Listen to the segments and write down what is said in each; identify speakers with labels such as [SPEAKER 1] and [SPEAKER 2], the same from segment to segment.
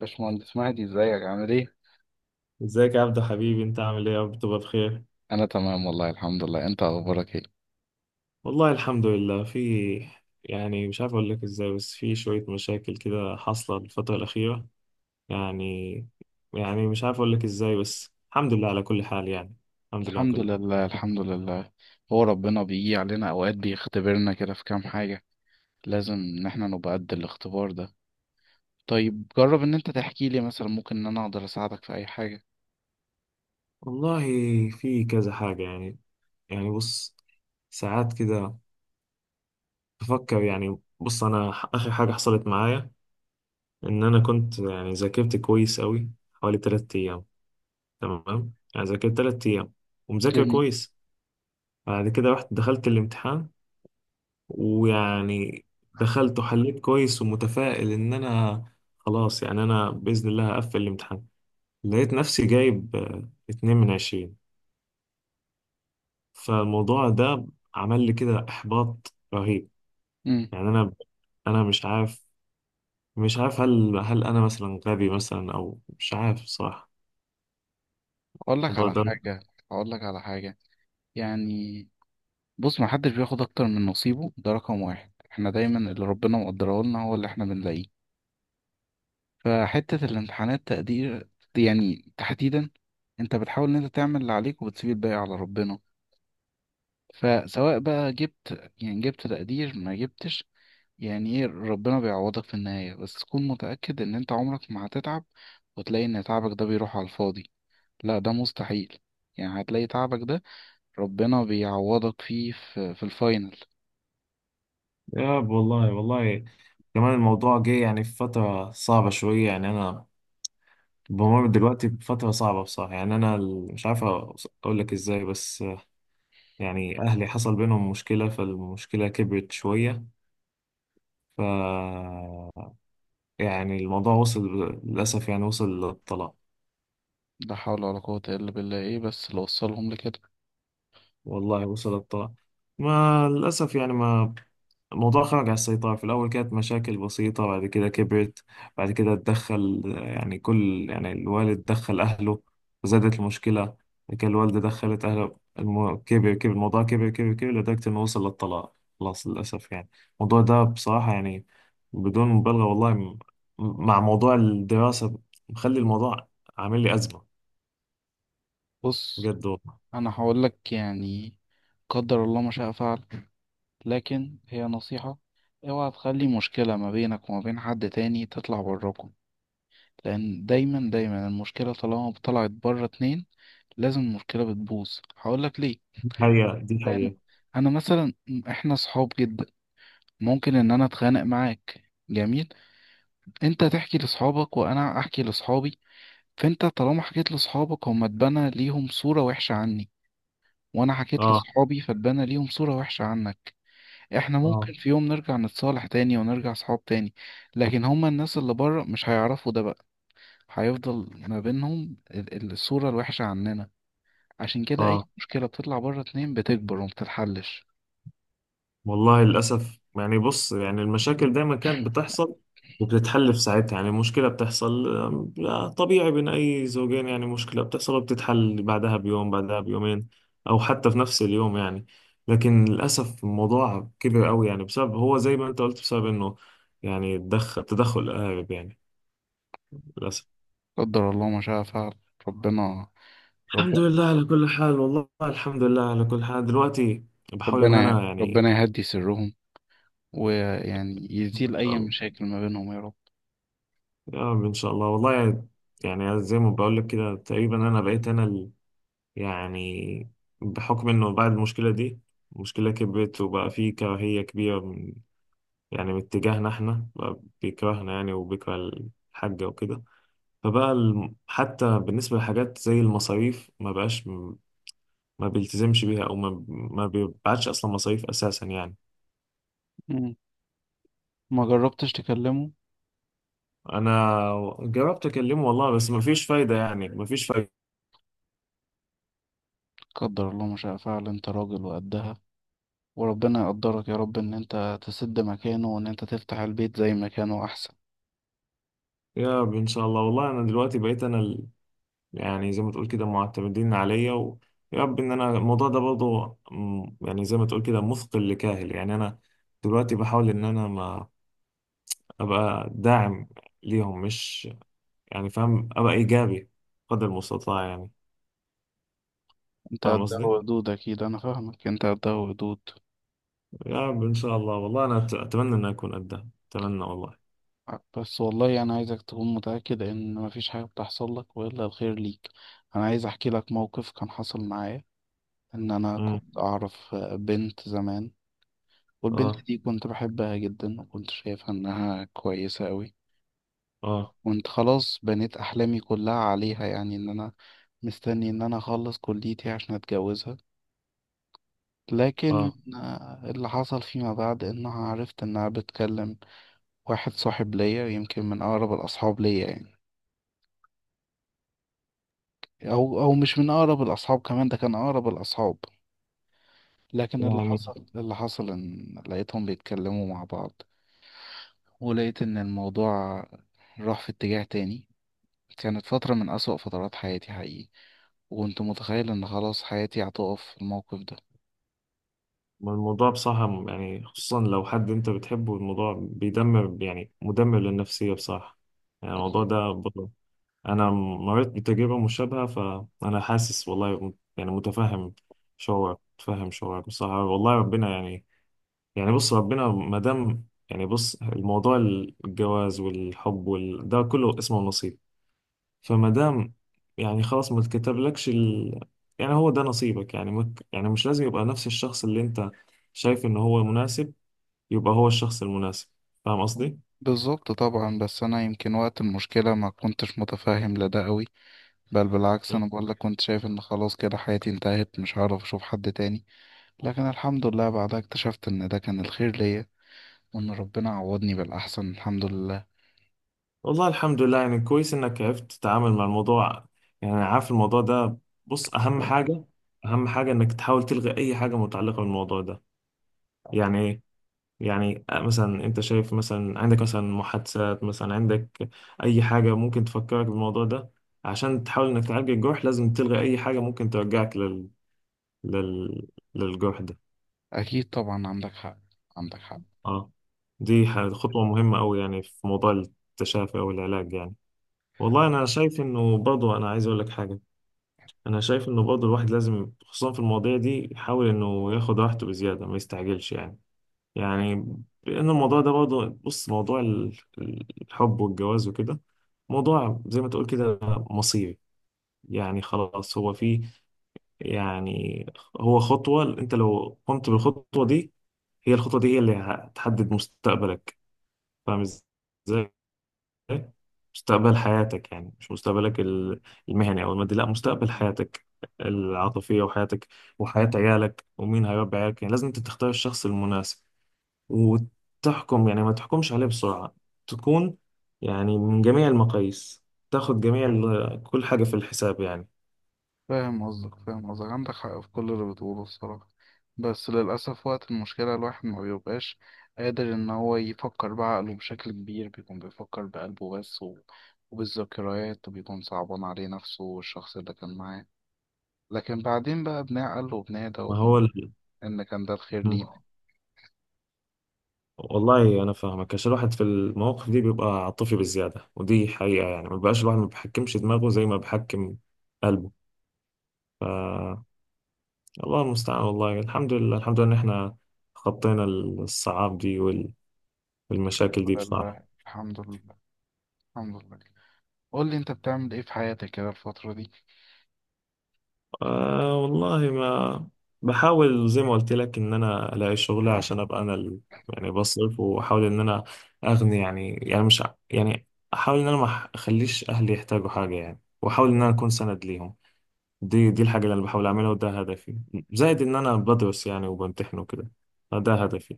[SPEAKER 1] باشمهندس مهدي، ازيك؟ عامل ايه؟
[SPEAKER 2] ازيك يا عبدو حبيبي، انت عامل ايه؟ يا رب تبقى بخير.
[SPEAKER 1] انا تمام والله الحمد لله. انت اخبارك ايه؟
[SPEAKER 2] والله الحمد لله. في، يعني مش عارف اقول لك ازاي، بس في شوية مشاكل كده حاصلة الفترة الأخيرة. يعني، يعني مش عارف اقول لك ازاي، بس الحمد لله على كل حال يعني. الحمد لله على
[SPEAKER 1] الحمد
[SPEAKER 2] كل حال.
[SPEAKER 1] لله الحمد لله. هو ربنا بيجي علينا اوقات بيختبرنا كده في كام حاجة. لازم ان احنا نبقى قد الاختبار ده. طيب جرب ان انت تحكي لي، مثلا ممكن ان انا اقدر اساعدك في اي حاجة.
[SPEAKER 2] والله في كذا حاجة يعني. يعني بص، ساعات كده بفكر. يعني بص، انا اخر حاجة حصلت معايا، ان انا كنت يعني ذاكرت كويس قوي حوالي 3 ايام. تمام، يعني ذاكرت 3 ايام ومذاكر
[SPEAKER 1] جميل.
[SPEAKER 2] كويس. بعد كده رحت دخلت الامتحان، ويعني دخلت وحليت كويس، ومتفائل ان انا خلاص، يعني انا باذن الله هقفل الامتحان. لقيت نفسي جايب اتنين من عشرين. فالموضوع ده عمل لي كده احباط رهيب.
[SPEAKER 1] امم
[SPEAKER 2] يعني انا مش عارف، هل انا مثلا غبي مثلا، او مش عارف صراحة
[SPEAKER 1] اقول لك
[SPEAKER 2] الموضوع
[SPEAKER 1] على
[SPEAKER 2] ده.
[SPEAKER 1] حاجة، اقول لك على حاجة، يعني بص، ما حدش بياخد اكتر من نصيبه، ده رقم واحد. احنا دايما اللي ربنا مقدره لنا هو اللي احنا بنلاقيه. فحتة الامتحانات تقدير، يعني تحديدا انت بتحاول ان انت تعمل اللي عليك وبتسيب الباقي على ربنا. فسواء بقى جبت، يعني جبت تقدير ما جبتش، يعني ايه، ربنا بيعوضك في النهاية، بس تكون متأكد ان انت عمرك ما هتتعب وتلاقي ان تعبك ده بيروح على الفاضي. لا ده مستحيل. يعني هتلاقي تعبك ده ربنا بيعوضك فيه في الفاينل.
[SPEAKER 2] يا والله والله، كمان الموضوع جه يعني في فترة صعبة شوية. يعني أنا بمر دلوقتي بفترة صعبة بصراحة. يعني أنا مش عارف أقول لك إزاي، بس يعني أهلي حصل بينهم مشكلة، فالمشكلة كبرت شوية. ف، يعني الموضوع وصل، للأسف يعني، وصل للطلاق.
[SPEAKER 1] لا حول ولا قوة إلا بالله. ايه بس اللي وصلهم لكده؟
[SPEAKER 2] والله وصل للطلاق. ما للأسف يعني، ما الموضوع خرج عن السيطرة. في الأول كانت مشاكل بسيطة، بعد كده كبرت. بعد كده اتدخل، يعني كل، يعني الوالد دخل أهله، زادت المشكلة. بعد كده الوالدة دخلت أهله، كبر، كبر الموضوع، كبر كبر كبر، لدرجة إنه وصل للطلاق، خلاص للأسف يعني. الموضوع ده بصراحة يعني، بدون مبالغة والله، مع موضوع الدراسة، مخلي الموضوع عامل لي أزمة.
[SPEAKER 1] بص
[SPEAKER 2] بجد والله.
[SPEAKER 1] انا هقولك، يعني قدر الله ما شاء فعل، لكن هي نصيحة: اوعى تخلي مشكلة ما بينك وما بين حد تاني تطلع براكم. لأن دايما دايما المشكلة طالما طلعت بره اتنين لازم المشكلة بتبوظ. هقولك ليه؟
[SPEAKER 2] دي حقيقة، دي
[SPEAKER 1] لأن
[SPEAKER 2] حقيقة.
[SPEAKER 1] أنا مثلا، احنا صحاب جدا، ممكن إن أنا أتخانق معاك، جميل، أنت تحكي لصحابك وأنا أحكي لصحابي. فأنت طالما حكيت لصحابك هما اتبنى ليهم صورة وحشة عني، وأنا حكيت
[SPEAKER 2] آه.
[SPEAKER 1] لصحابي فاتبنى ليهم صورة وحشة عنك. احنا ممكن
[SPEAKER 2] آه.
[SPEAKER 1] في يوم نرجع نتصالح تاني ونرجع صحاب تاني، لكن هما الناس اللي بره مش هيعرفوا ده بقى. هيفضل ما بينهم الصورة الوحشة عننا. عشان كده
[SPEAKER 2] آه
[SPEAKER 1] اي مشكلة بتطلع بره اتنين بتكبر ومبتتحلش.
[SPEAKER 2] والله، للأسف. يعني بص، يعني المشاكل دايما كانت بتحصل، وبتتحل في ساعتها. يعني مشكلة بتحصل، لا، طبيعي بين أي زوجين. يعني مشكلة بتحصل وبتتحل بعدها بيوم، بعدها بيومين، أو حتى في نفس اليوم يعني. لكن للأسف الموضوع كبر قوي، يعني بسبب، هو زي ما أنت قلت، بسبب إنه يعني تدخل الأهالي يعني. للأسف.
[SPEAKER 1] قدر الله ما شاء فعل. ربنا
[SPEAKER 2] الحمد
[SPEAKER 1] ربنا
[SPEAKER 2] لله على كل حال، والله الحمد لله على كل حال دلوقتي. بحاول إن أنا يعني،
[SPEAKER 1] ربنا يهدي سرهم، ويعني
[SPEAKER 2] إن
[SPEAKER 1] يزيل
[SPEAKER 2] شاء
[SPEAKER 1] اي
[SPEAKER 2] الله.
[SPEAKER 1] مشاكل ما بينهم يا رب.
[SPEAKER 2] يا رب ان شاء الله والله. يعني زي ما بقول لك كده، تقريبا انا بقيت انا يعني، بحكم انه بعد المشكله دي، المشكله كبرت، وبقى في كراهيه كبيره يعني من اتجاهنا احنا، بقى بيكرهنا يعني، وبيكره الحاجه وكده. فبقى حتى بالنسبه لحاجات زي المصاريف، ما بقاش ما بيلتزمش بيها، او ما بيبعتش اصلا مصاريف اساسا يعني.
[SPEAKER 1] مم. ما جربتش تكلمه؟
[SPEAKER 2] انا جربت اكلمه والله، بس ما فيش فايده، يعني ما فيش فايده.
[SPEAKER 1] قدر الله ما شاء فعل. انت راجل وقدها، وربنا يقدرك يا رب ان انت تسد مكانه وان انت تفتح البيت زي مكانه احسن.
[SPEAKER 2] يا رب ان شاء الله، والله انا دلوقتي بقيت انا، يعني زي ما تقول كده معتمدين عليا. ويا رب ان انا الموضوع ده برضه، يعني زي ما تقول كده مثقل لكاهل. يعني انا دلوقتي بحاول ان انا ما ابقى داعم ليهم، مش يعني فاهم، ابقى ايجابي قدر المستطاع يعني.
[SPEAKER 1] انت
[SPEAKER 2] فاهم
[SPEAKER 1] ده
[SPEAKER 2] قصدي؟
[SPEAKER 1] ودود، اكيد انا فاهمك، انت ده ودود.
[SPEAKER 2] يا رب ان شاء الله، والله انا اتمنى ان اكون قدها، اتمنى والله.
[SPEAKER 1] بس والله انا عايزك تكون متأكد ان مفيش حاجة بتحصل لك والا الخير ليك. انا عايز احكي لك موقف كان حصل معايا. ان انا
[SPEAKER 2] امم.
[SPEAKER 1] كنت اعرف بنت زمان، والبنت
[SPEAKER 2] اه.
[SPEAKER 1] دي كنت بحبها جدا وكنت شايفها انها كويسة قوي،
[SPEAKER 2] اه.
[SPEAKER 1] وانت خلاص بنيت احلامي كلها عليها، يعني ان انا مستني ان انا اخلص كليتي عشان اتجوزها. لكن
[SPEAKER 2] اه،
[SPEAKER 1] اللي حصل فيما بعد انها عرفت انها بتكلم واحد صاحب ليا، يمكن من اقرب الاصحاب ليا يعني، او مش من اقرب الاصحاب، كمان ده كان اقرب الاصحاب. لكن اللي
[SPEAKER 2] يعني
[SPEAKER 1] حصل، اللي حصل ان لقيتهم بيتكلموا مع بعض، ولقيت ان الموضوع راح في اتجاه تاني. كانت فترة من أسوأ فترات حياتي حقيقي، وكنت متخيل ان خلاص حياتي هتقف في الموقف ده.
[SPEAKER 2] الموضوع بصراحة، يعني خصوصا لو حد انت بتحبه، الموضوع بيدمر، يعني مدمر للنفسية بصراحة يعني. الموضوع
[SPEAKER 1] أكيد.
[SPEAKER 2] ده انا مريت بتجربه مشابهه، فانا حاسس والله يعني متفهم شعورك، متفهم شعورك بصراحه والله. ربنا يعني، يعني بص ربنا ما دام، يعني بص الموضوع، الجواز والحب ده كله اسمه نصيب. فما دام يعني خلاص ما اتكتبلكش يعني هو ده نصيبك. يعني يعني مش لازم يبقى نفس الشخص اللي انت شايف ان هو مناسب، يبقى هو الشخص المناسب. فاهم قصدي؟
[SPEAKER 1] بالظبط طبعا، بس انا يمكن وقت المشكلة ما كنتش متفاهم لده قوي، بل بالعكس انا بقول لك كنت شايف ان خلاص كده حياتي انتهت، مش هعرف اشوف حد تاني. لكن الحمد لله بعدها اكتشفت ان ده كان الخير ليا، وان ربنا عوضني بالاحسن الحمد لله.
[SPEAKER 2] والله الحمد لله، يعني كويس انك عرفت تتعامل مع الموضوع. يعني أنا عارف الموضوع ده، بص اهم حاجة، اهم حاجة انك تحاول تلغي اي حاجة متعلقة بالموضوع ده. يعني ايه؟ يعني مثلا انت شايف مثلا عندك مثلا محادثات، مثلا عندك اي حاجة ممكن تفكرك بالموضوع ده. عشان تحاول انك تعالج الجرح، لازم تلغي اي حاجة ممكن ترجعك لل... للجرح ده.
[SPEAKER 1] اكيد طبعا عندك حق، عندك حق.
[SPEAKER 2] اه، دي خطوة مهمة أوي يعني، في موضوع التشافي أو العلاج يعني. والله أنا شايف إنه برضو، أنا عايز أقول لك حاجة. انا شايف انه برضه الواحد لازم، خصوصا في المواضيع دي، يحاول انه ياخد راحته بزياده، ما يستعجلش يعني. يعني لان الموضوع ده برضه، بص، موضوع الحب والجواز وكده، موضوع زي ما تقول كده مصيري. يعني خلاص هو فيه، يعني هو خطوه، انت لو قمت بالخطوه دي، هي الخطوه دي هي اللي هتحدد مستقبلك. فاهم ازاي؟ مستقبل حياتك، يعني مش مستقبلك المهني او المادي، لا، مستقبل حياتك العاطفيه، وحياتك، وحياه عيالك، ومين هيربي عيالك. يعني لازم انت تختار الشخص المناسب، وتحكم، يعني ما تحكمش عليه بسرعه، تكون يعني من جميع المقاييس، تاخد جميع كل حاجه في الحساب يعني.
[SPEAKER 1] فاهم قصدك، فاهم قصدك، عندك حق في كل اللي بتقوله الصراحة. بس للاسف وقت المشكلة الواحد ما بيبقاش قادر ان هو يفكر بعقله بشكل كبير، بيكون بيفكر بقلبه بس و... وبالذكريات، وبيكون صعبان عليه نفسه والشخص اللي كان معاه. لكن بعدين بقى بنعقل وبنهدى
[SPEAKER 2] ما هو
[SPEAKER 1] وبن... إن كان ده الخير
[SPEAKER 2] مم.
[SPEAKER 1] لينا.
[SPEAKER 2] والله انا فاهمك، عشان الواحد في المواقف دي بيبقى عاطفي بزياده، ودي حقيقه يعني، ما بيبقاش الواحد، ما بيحكمش دماغه زي ما بيحكم قلبه. الله المستعان، والله الحمد لله، الحمد لله ان احنا خطينا الصعاب دي والمشاكل دي بصراحة.
[SPEAKER 1] لله الحمد، لله الحمد لله. قول لي أنت بتعمل إيه في حياتك كده الفترة دي؟
[SPEAKER 2] والله ما، بحاول زي ما قلت لك ان انا الاقي شغل عشان ابقى انا يعني بصرف، واحاول ان انا اغني يعني. يعني مش ع- يعني احاول ان انا ما اخليش اهلي يحتاجوا حاجة يعني، واحاول ان انا اكون سند ليهم. دي الحاجة اللي انا بحاول اعملها، وده هدفي. زائد ان انا بدرس يعني، وبمتحن وكده، فده هدفي.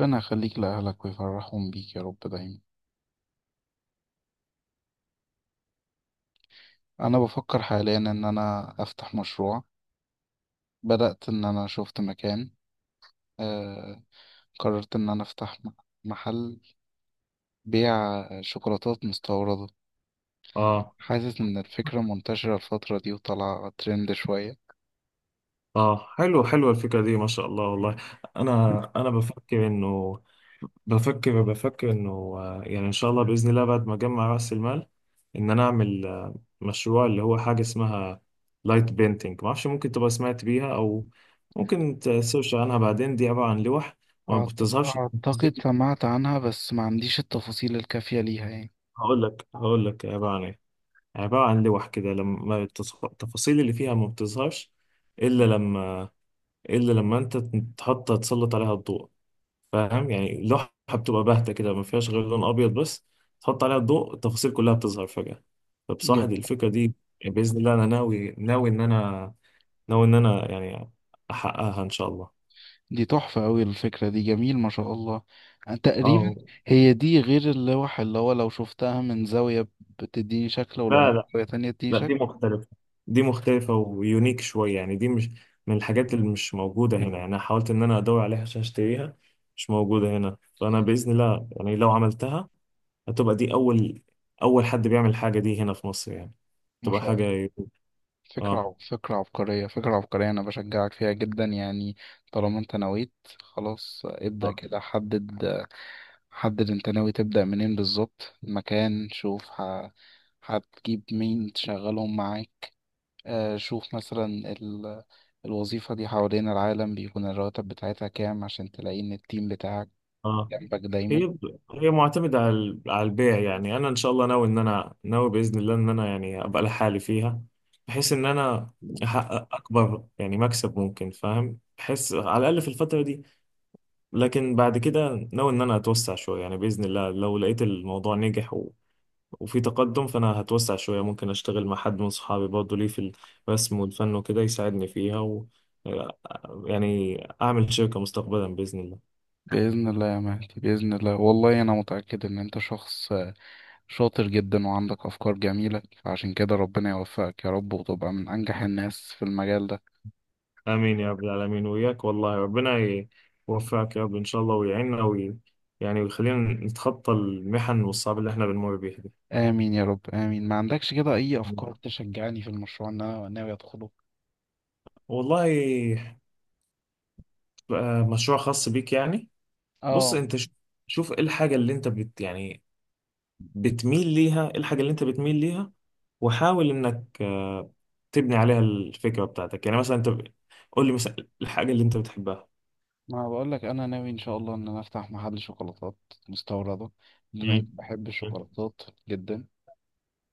[SPEAKER 1] ربنا يخليك لأهلك ويفرحهم بيك يا رب دايما. أنا بفكر حاليا إن أنا أفتح مشروع. بدأت إن أنا شفت مكان، آه... قررت إن أنا أفتح محل بيع شوكولاتات مستوردة.
[SPEAKER 2] اه.
[SPEAKER 1] حاسس إن الفكرة منتشرة الفترة دي وطالعة ترند شوية.
[SPEAKER 2] اه حلو، حلو الفكرة دي ما شاء الله والله. انا بفكر انه، بفكر انه يعني ان شاء الله بإذن الله، بعد ما اجمع رأس المال، ان انا اعمل مشروع، اللي هو حاجة اسمها لايت بينتينج. ما اعرفش ممكن تبقى سمعت بيها، او ممكن تسيرش عنها بعدين. دي عبارة عن لوح ما بتظهرش
[SPEAKER 1] أعتقد
[SPEAKER 2] التفاصيل.
[SPEAKER 1] سمعت عنها بس ما عنديش التفاصيل الكافية ليها يعني.
[SPEAKER 2] هقول لك، هقول لك عبارة عن ايه. عبارة عن لوح كده، لما التفاصيل اللي فيها ما بتظهرش، الا لما، الا لما انت تحط تسلط عليها الضوء. فاهم؟ يعني لوحه بتبقى باهته كده، ما فيهاش غير لون ابيض بس، تحط عليها الضوء، التفاصيل كلها بتظهر فجاه. فبصراحه
[SPEAKER 1] جا.
[SPEAKER 2] دي الفكره دي، يعني باذن الله انا ناوي، ان انا ناوي، ان انا يعني احققها ان شاء الله.
[SPEAKER 1] دي تحفة أوي الفكرة دي، جميل ما شاء الله.
[SPEAKER 2] اه.
[SPEAKER 1] تقريبا هي دي غير اللوح اللي هو لو شفتها من زاوية بتديني شكل ولو من
[SPEAKER 2] لا، لا،
[SPEAKER 1] زاوية تانية تديني
[SPEAKER 2] لا، دي
[SPEAKER 1] شكل.
[SPEAKER 2] مختلفه، دي مختلفه ويونيك شويه. يعني دي مش من الحاجات، اللي مش موجوده هنا يعني. انا حاولت ان انا ادور عليها عشان اشتريها، مش موجوده هنا. فانا باذن الله يعني، لو عملتها، هتبقى دي أول حد بيعمل الحاجة دي هنا في مصر يعني،
[SPEAKER 1] ما
[SPEAKER 2] تبقى
[SPEAKER 1] شاء الله،
[SPEAKER 2] حاجة. اه.
[SPEAKER 1] فكرة عبقرية، فكرة عبقرية، أنا بشجعك فيها جدا يعني. طالما أنت نويت خلاص ابدأ
[SPEAKER 2] اه.
[SPEAKER 1] كده. حدد، حدد أنت ناوي تبدأ منين بالظبط، مكان، شوف ه... هتجيب مين تشغلهم معاك. شوف مثلا الوظيفة دي حوالين العالم بيكون الرواتب بتاعتها كام، عشان تلاقي إن التيم بتاعك
[SPEAKER 2] اه،
[SPEAKER 1] جنبك دايما.
[SPEAKER 2] هي، هي معتمدة على على البيع. يعني أنا إن شاء الله ناوي، إن أنا ناوي بإذن الله، إن أنا يعني أبقى لحالي فيها، بحيث إن أنا أحقق أكبر يعني مكسب ممكن، فاهم، بحيث على الأقل في الفترة دي. لكن بعد كده ناوي إن أنا أتوسع شوية، يعني بإذن الله لو لقيت الموضوع نجح وفي تقدم، فانا هتوسع شويه. ممكن اشتغل مع حد من صحابي برضه، ليه في الرسم والفن وكده، يساعدني فيها، و يعني اعمل شركه مستقبلا باذن الله.
[SPEAKER 1] بإذن الله يا مهدي، بإذن الله، والله أنا متأكد إن أنت شخص شاطر جدا وعندك أفكار جميلة، فعشان كده ربنا يوفقك يا رب وتبقى من أنجح الناس في المجال ده.
[SPEAKER 2] امين يا رب العالمين، وياك والله. ربنا يوفقك يا رب ان شاء الله، ويعيننا، يعني ويخلينا نتخطى المحن والصعاب اللي احنا بنمر بيها دي.
[SPEAKER 1] آمين يا رب، آمين. ما عندكش كده أي أفكار تشجعني في المشروع اللي أنا ناوي أدخله؟
[SPEAKER 2] والله، مشروع خاص بيك يعني. بص
[SPEAKER 1] آه.
[SPEAKER 2] انت شوف، شوف ايه الحاجه اللي انت يعني بتميل ليها، ايه الحاجه اللي انت بتميل ليها، وحاول انك تبني عليها الفكرة بتاعتك. يعني مثلا انت قول لي مثلا الحاجة اللي انت بتحبها.
[SPEAKER 1] ما بقول لك انا ناوي ان شاء الله ان انا افتح محل شوكولاتات مستورده، بما اني
[SPEAKER 2] مم.
[SPEAKER 1] بحب
[SPEAKER 2] مم.
[SPEAKER 1] الشوكولاتات جدا،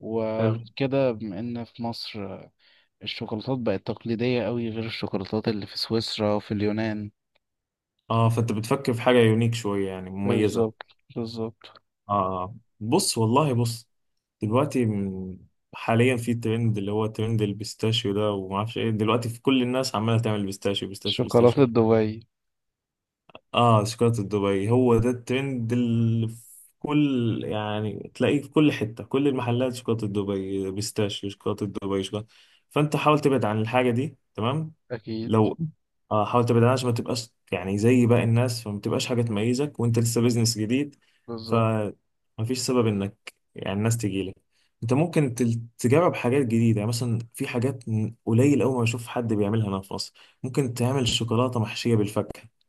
[SPEAKER 1] وغير
[SPEAKER 2] حلو.
[SPEAKER 1] كده بما ان في مصر الشوكولاتات بقت تقليديه قوي غير الشوكولاتات اللي في سويسرا وفي اليونان.
[SPEAKER 2] اه، فانت بتفكر في حاجة يونيك شوية، يعني مميزة.
[SPEAKER 1] بالظبط، بالظبط.
[SPEAKER 2] اه بص، والله بص، دلوقتي حاليا في ترند، اللي هو ترند البيستاشيو ده وما اعرفش ايه. دلوقتي في كل الناس عمالة تعمل بيستاشيو، بيستاشيو،
[SPEAKER 1] شوكولاته
[SPEAKER 2] بيستاشيو.
[SPEAKER 1] دبي؟
[SPEAKER 2] اه، شوكولاتة دبي، هو ده الترند اللي في كل، يعني تلاقيه في كل حتة، كل المحلات شوكولاتة دبي، بيستاشيو، شوكولاتة دبي، شوكولاتة. فانت حاول تبعد عن الحاجة دي، تمام؟
[SPEAKER 1] اكيد.
[SPEAKER 2] لو، اه، حاول تبعد عنها عشان ما تبقاش يعني زي باقي الناس، فما تبقاش حاجة تميزك، وانت لسه بيزنس جديد.
[SPEAKER 1] بالظبط.
[SPEAKER 2] فمفيش سبب انك يعني الناس تجيلك. انت ممكن تجرب حاجات جديدة. يعني مثلا في حاجات قليل أوي ما بشوف حد بيعملها هنا في مصر. ممكن تعمل شوكولاتة محشية بالفاكهة.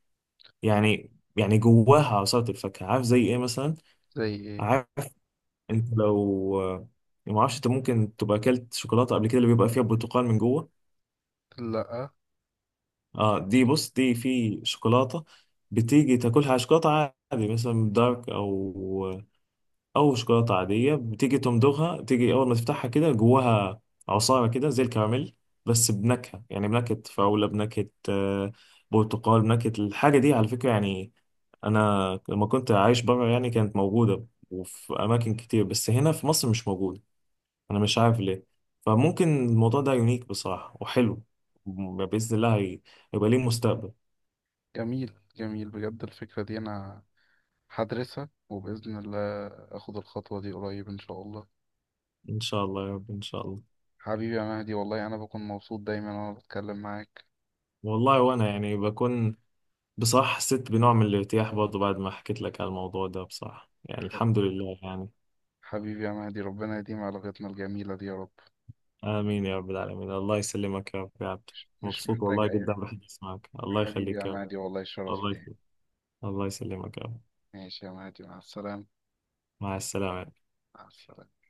[SPEAKER 2] يعني، يعني جواها عصارة الفاكهة. عارف زي ايه مثلا؟
[SPEAKER 1] زي ايه؟
[SPEAKER 2] عارف، انت لو، يعني ما اعرفش، انت ممكن تبقى اكلت شوكولاتة قبل كده، اللي بيبقى فيها برتقال من جوه.
[SPEAKER 1] لا.
[SPEAKER 2] اه، دي بص، دي في شوكولاتة بتيجي تاكلها على شوكولاتة عادي مثلا دارك، او او شوكولاته عاديه، بتيجي تمضغها، تيجي اول ما تفتحها كده جواها عصاره كده زي الكراميل، بس بنكهه، يعني بنكهه فراوله، بنكهه برتقال، بنكهه. الحاجه دي على فكره يعني، انا لما كنت عايش بره يعني، كانت موجوده وفي اماكن كتير، بس هنا في مصر مش موجوده. انا مش عارف ليه. فممكن الموضوع ده يونيك بصراحه، وحلو. باذن الله هيبقى ليه مستقبل.
[SPEAKER 1] جميل جميل بجد الفكره دي. انا هدرسها وباذن الله اخد الخطوه دي قريب ان شاء الله.
[SPEAKER 2] ان شاء الله يا رب ان شاء الله.
[SPEAKER 1] حبيبي يا مهدي، والله أنا بكون مبسوط دايما وأنا بتكلم معاك.
[SPEAKER 2] والله وانا يعني بكون، بصراحة حسيت بنوع من الارتياح برضه بعد ما حكيت لك على الموضوع ده بصراحة، يعني الحمد لله يعني.
[SPEAKER 1] حبيبي يا مهدي، ربنا يديم علاقتنا الجميلة دي يا رب.
[SPEAKER 2] آمين يا رب العالمين، الله يسلمك يا رب يا عبد.
[SPEAKER 1] مش
[SPEAKER 2] مبسوط
[SPEAKER 1] محتاج أي
[SPEAKER 2] والله جدا
[SPEAKER 1] حاجة.
[SPEAKER 2] بحديث معك، الله
[SPEAKER 1] حبيبي يا
[SPEAKER 2] يخليك يا رب.
[SPEAKER 1] مهدي، والله شرف
[SPEAKER 2] الله
[SPEAKER 1] ليا.
[SPEAKER 2] يخليك. الله يسلمك يا رب.
[SPEAKER 1] ماشي يا مهدي، مع السلامة.
[SPEAKER 2] مع السلامة.
[SPEAKER 1] مع السلامة.